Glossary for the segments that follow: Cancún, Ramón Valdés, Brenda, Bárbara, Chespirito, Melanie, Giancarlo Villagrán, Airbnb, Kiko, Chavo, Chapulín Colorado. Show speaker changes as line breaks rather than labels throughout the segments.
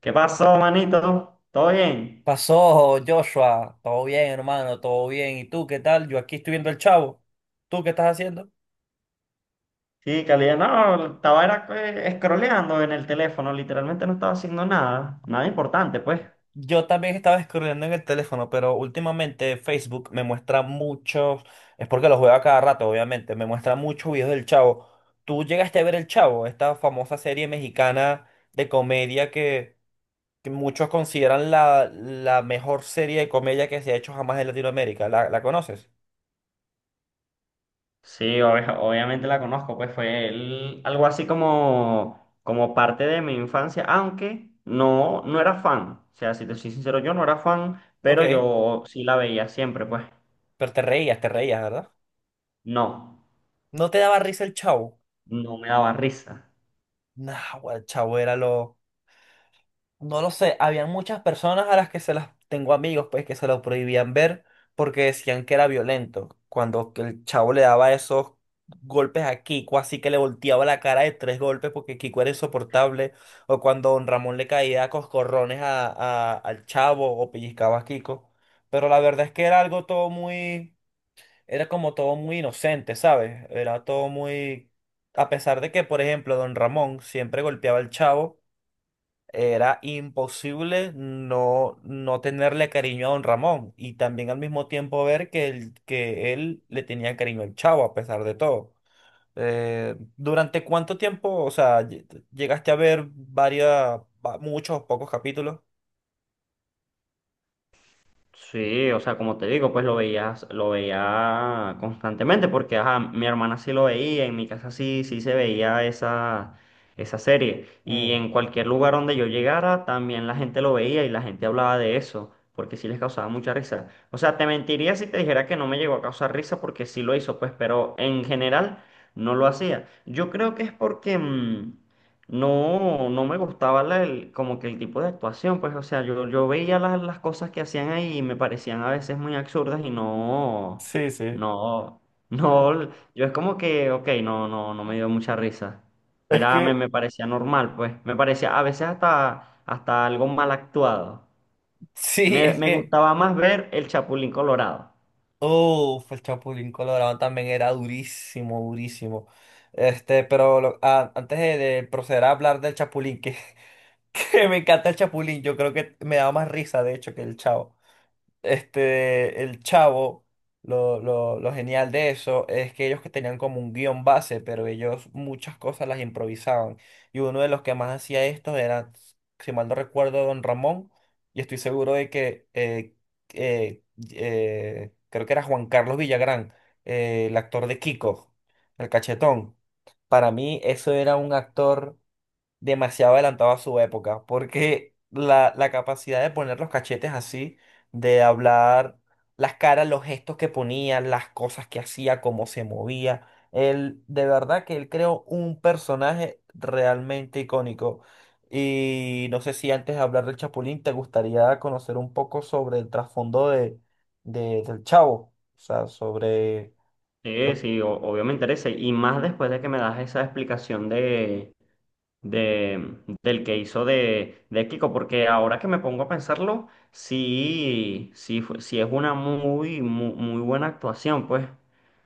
¿Qué pasó, manito? ¿Todo bien?
Pasó, Joshua. Todo bien, hermano, todo bien. ¿Y tú qué tal? Yo aquí estoy viendo el Chavo. ¿Tú qué estás haciendo?
Sí, calidad. No, estaba era, scrolleando en el teléfono, literalmente no estaba haciendo nada, nada importante, pues.
Yo también estaba scrolleando en el teléfono, pero últimamente Facebook me muestra muchos. Es porque lo juego a cada rato, obviamente. Me muestra muchos videos del Chavo. ¿Tú llegaste a ver el Chavo, esta famosa serie mexicana de comedia que muchos consideran la mejor serie de comedia que se ha hecho jamás en Latinoamérica? La conoces?
Sí, obviamente la conozco, pues algo así como, como parte de mi infancia, aunque no, no era fan. O sea, si te soy sincero, yo no era fan, pero
Ok,
yo sí la veía siempre, pues.
pero te reías, ¿verdad?
No,
¿No te daba risa el Chavo?
no me daba risa.
Nah, güey, chavo, era lo... No lo sé, habían muchas personas a las que se las... Tengo amigos, pues, que se lo prohibían ver porque decían que era violento. Cuando que el chavo le daba esos golpes a Kiko, así que le volteaba la cara de tres golpes porque Kiko era insoportable. O cuando don Ramón le caía a coscorrones a- al chavo o pellizcaba a Kiko. Pero la verdad es que era algo todo muy... Era como todo muy inocente, ¿sabes? Era todo muy... A pesar de que, por ejemplo, don Ramón siempre golpeaba al chavo. Era imposible no, no tenerle cariño a don Ramón y también al mismo tiempo ver que, el- que él le tenía cariño al Chavo a pesar de todo. ¿Durante cuánto tiempo, o sea, lle- llegaste a ver varias, va- muchos o pocos capítulos?
Sí, o sea, como te digo, pues lo veías, lo veía constantemente, porque ajá, mi hermana sí lo veía, en mi casa sí, sí se veía esa serie. Y
Mm.
en cualquier lugar donde yo llegara, también la gente lo veía y la gente hablaba de eso, porque sí les causaba mucha risa. O sea, te mentiría si te dijera que no me llegó a causar risa, porque sí lo hizo, pues, pero en general no lo hacía. Yo creo que es porque, no, no me gustaba como que el tipo de actuación, pues, o sea, yo veía las cosas que hacían ahí y me parecían a veces muy absurdas y no,
Sí, sí.
no, no, yo es como que, ok, no, no, no me dio mucha risa.
Es
Era,
que,
me parecía normal, pues, me parecía a veces hasta, hasta algo mal actuado.
sí, es
Me
que,
gustaba más ver el Chapulín Colorado.
oh, el Chapulín Colorado también era durísimo, durísimo. Este, pero lo- a- antes de proceder a hablar del Chapulín, que me encanta el Chapulín, yo creo que me daba más risa, de hecho, que el Chavo. Este, el Chavo, lo genial de eso es que ellos que tenían como un guión base, pero ellos muchas cosas las improvisaban. Y uno de los que más hacía esto era, si mal no recuerdo, Don Ramón, y estoy seguro de que, eh, creo que era Juan Carlos Villagrán, el actor de Kiko, el cachetón. Para mí, eso era un actor demasiado adelantado a su época, porque la capacidad de poner los cachetes así, de hablar las caras, los gestos que ponía, las cosas que hacía, cómo se movía, él, de verdad que él creó un personaje realmente icónico. Y no sé si antes de hablar del Chapulín, te gustaría conocer un poco sobre el trasfondo de- del Chavo, o sea, sobre
Sí,
lo-
sí, o- obvio me interesa y más después de que me das esa explicación de de, del que hizo de Kiko, porque ahora que me pongo a pensarlo, sí, sí, sí es una muy, muy, muy buena actuación, pues,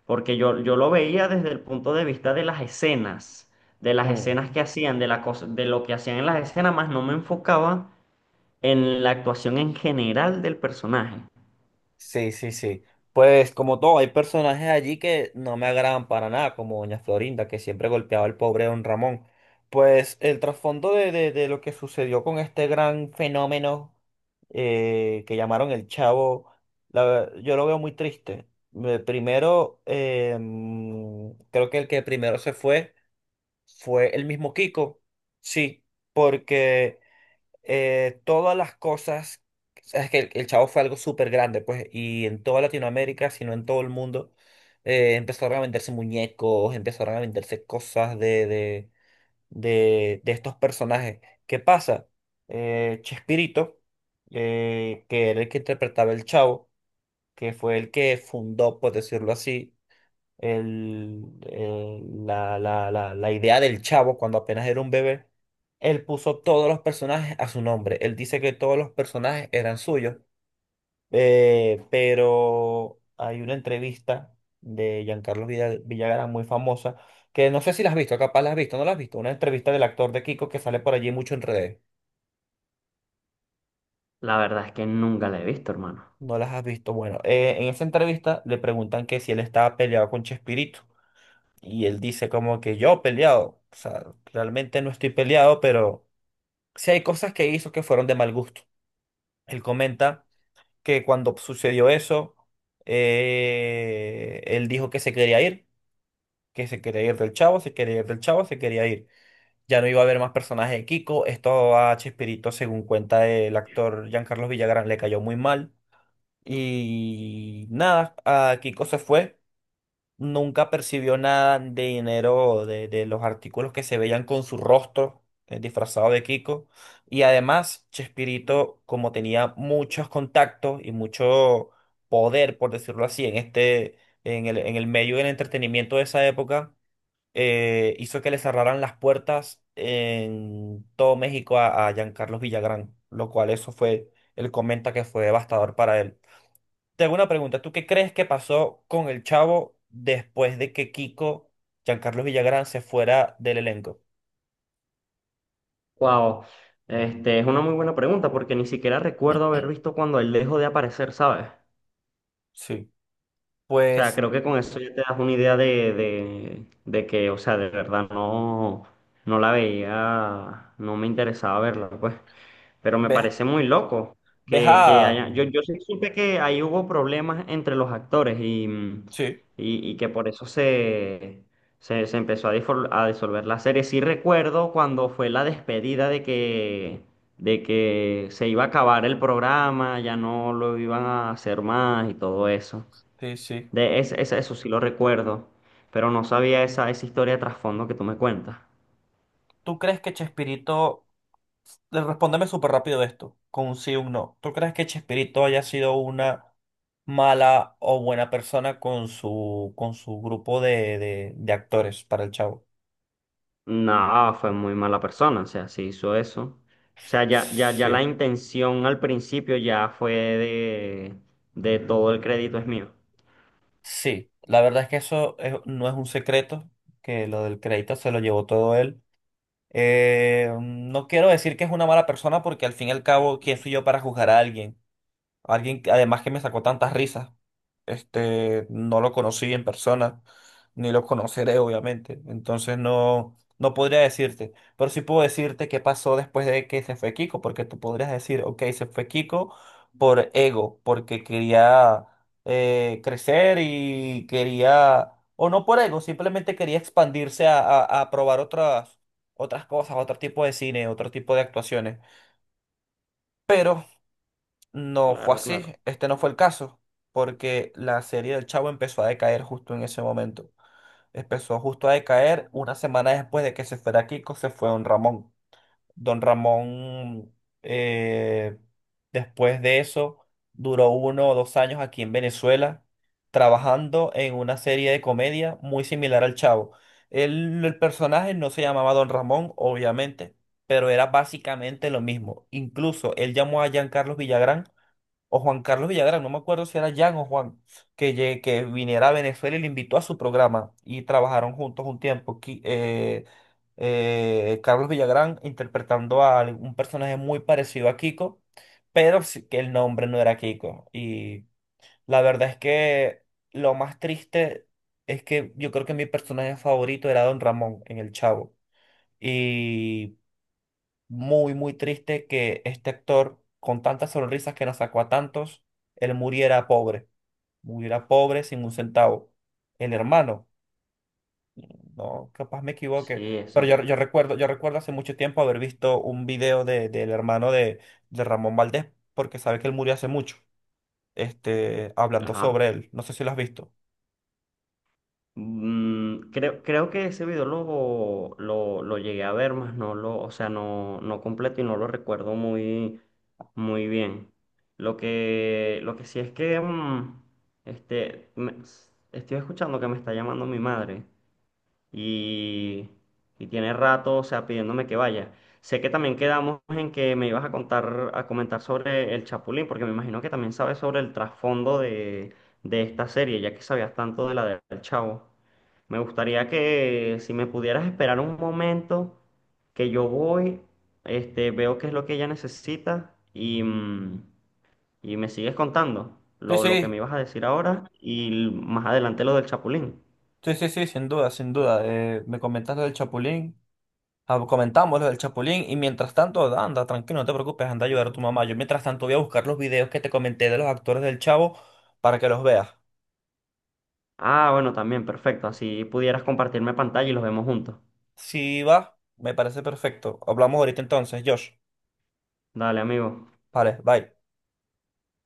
porque yo lo veía desde el punto de vista de las
Mm.
escenas que hacían, de la cosa, de lo que hacían en las escenas, más no me enfocaba en la actuación en general del personaje.
Sí, sí, sí. Pues como todo, hay personajes allí que no me agradan para nada, como Doña Florinda, que siempre golpeaba al pobre Don Ramón. Pues el trasfondo de lo que sucedió con este gran fenómeno que llamaron el Chavo, la ver- yo lo veo muy triste. Me- Primero, creo que el que primero se fue fue el mismo Kiko, sí, porque todas las cosas, o sea, es que el Chavo fue algo súper grande, pues, y en toda Latinoamérica, si no en todo el mundo, empezaron a venderse muñecos, empezaron a venderse cosas de estos personajes. ¿Qué pasa? Chespirito, que era el que interpretaba el Chavo, que fue el que fundó, por decirlo así, el- el- la idea del chavo cuando apenas era un bebé, él puso todos los personajes a su nombre. Él dice que todos los personajes eran suyos, pero hay una entrevista de Giancarlo Villa- Villagrán muy famosa, que no sé si la has visto, capaz la has visto, no la has visto, una entrevista del actor de Kiko que sale por allí mucho en redes.
La verdad es que nunca la he visto, hermano.
No las has visto. Bueno, en esa entrevista le preguntan que si él estaba peleado con Chespirito. Y él dice como que yo peleado, o sea, realmente no estoy peleado, pero sí hay cosas que hizo que fueron de mal gusto. Él comenta que cuando sucedió eso, él dijo que se quería ir, que se quería ir del Chavo, se quería ir del Chavo, se quería ir. Ya no iba a haber más personajes de Kiko. Esto a Chespirito, según cuenta el actor Giancarlo Villagrán, le cayó muy mal. Y nada, a Kiko se fue. Nunca percibió nada de dinero de los artículos que se veían con su rostro disfrazado de Kiko. Y además, Chespirito, como tenía muchos contactos y mucho poder, por decirlo así, en este, en el medio del entretenimiento de esa época, hizo que le cerraran las puertas en todo México a Giancarlos Villagrán, lo cual eso fue, él comenta que fue devastador para él. Te hago una pregunta. ¿Tú qué crees que pasó con el Chavo después de que Kiko, Giancarlo Villagrán, se fuera del elenco?
Wow. Este, es una muy buena pregunta porque ni siquiera recuerdo haber visto cuando él dejó de aparecer, ¿sabes?
Sí,
O sea,
pues
creo que con eso ya te das una idea de, de que, o sea, de verdad no, no la veía, no me interesaba verla, pues. Pero me
ves,
parece muy loco
ves
que
a...
haya. Yo sí supe que ahí hubo problemas entre los actores
Sí,
y que por eso se, se, se empezó a, a disolver la serie. Sí recuerdo cuando fue la despedida de que se iba a acabar el programa, ya no lo iban a hacer más y todo eso.
sí, sí.
De eso sí lo recuerdo, pero no sabía esa, esa historia de trasfondo que tú me cuentas.
¿Tú crees que Chespirito, le- respóndeme súper rápido esto, con un sí o un no? ¿Tú crees que Chespirito haya sido una mala o buena persona con su grupo de, de actores para el Chavo?
No, fue muy mala persona, o sea, sí hizo eso. O sea, ya la
Sí.
intención al principio ya fue de todo el crédito es mío.
Sí, la verdad es que eso es- no es un secreto, que lo del crédito se lo llevó todo él. No quiero decir que es una mala persona porque al fin y al cabo, ¿quién soy yo para juzgar a alguien? Alguien, que- además que me sacó tantas risas. Este, no lo conocí en persona, ni lo conoceré, obviamente. Entonces no, no podría decirte. Pero sí puedo decirte qué pasó después de que se fue Kiko, porque tú podrías decir, ok, se fue Kiko por ego, porque quería crecer y quería, o no por ego, simplemente quería expandirse a probar otras, otras cosas, otro tipo de cine, otro tipo de actuaciones. Pero no fue
Claro,
así,
claro.
este no fue el caso, porque la serie del Chavo empezó a decaer justo en ese momento. Empezó justo a decaer una semana después de que se fuera Kiko, se fue Don Ramón. Don Ramón, eh, después de eso, duró uno o dos años aquí en Venezuela, trabajando en una serie de comedia muy similar al Chavo. Él- el personaje no se llamaba Don Ramón, obviamente, pero era básicamente lo mismo. Incluso él llamó a Giancarlo Villagrán o Juan Carlos Villagrán, no me acuerdo si era Jan o Juan, que, lle- que viniera a Venezuela y le invitó a su programa y trabajaron juntos un tiempo. Qui- Carlos Villagrán interpretando a al- un personaje muy parecido a Kiko, pero sí que el nombre no era Kiko. Y la verdad es que lo más triste es que yo creo que mi personaje favorito era Don Ramón en El Chavo, muy, muy triste que este actor, con tantas sonrisas que nos sacó a tantos, él muriera pobre sin un centavo. El hermano, no, capaz me equivoque,
Sí,
pero
eso.
yo, yo recuerdo hace mucho tiempo haber visto un video de, del hermano de Ramón Valdés, porque sabe que él murió hace mucho, este, hablando
Ajá.
sobre él. No sé si lo has visto.
Mm, creo que ese video lo llegué a ver, más no lo, o sea, no, no completo y no lo recuerdo muy, muy bien. Lo que sí es que este, estoy escuchando que me está llamando mi madre y, y tiene rato, o sea, pidiéndome que vaya. Sé que también quedamos en que me ibas a contar, a comentar sobre el Chapulín, porque me imagino que también sabes sobre el trasfondo de esta serie, ya que sabías tanto de la del Chavo. Me gustaría que si me pudieras esperar un momento, que yo voy, este, veo qué es lo que ella necesita y, mm, y me sigues contando
Sí,
lo que me
sí,
ibas a decir ahora y más adelante lo del Chapulín.
sí, sí, sí, sin duda, sin duda. Me comentas lo del Chapulín. Ah, comentamos lo del Chapulín y mientras tanto, anda, tranquilo, no te preocupes, anda a ayudar a tu mamá. Yo mientras tanto voy a buscar los videos que te comenté de los actores del Chavo para que los veas.
Ah, bueno, también, perfecto. Así pudieras compartirme pantalla y los vemos juntos.
Si va, me parece perfecto. Hablamos ahorita entonces, Josh.
Dale, amigo.
Vale, bye.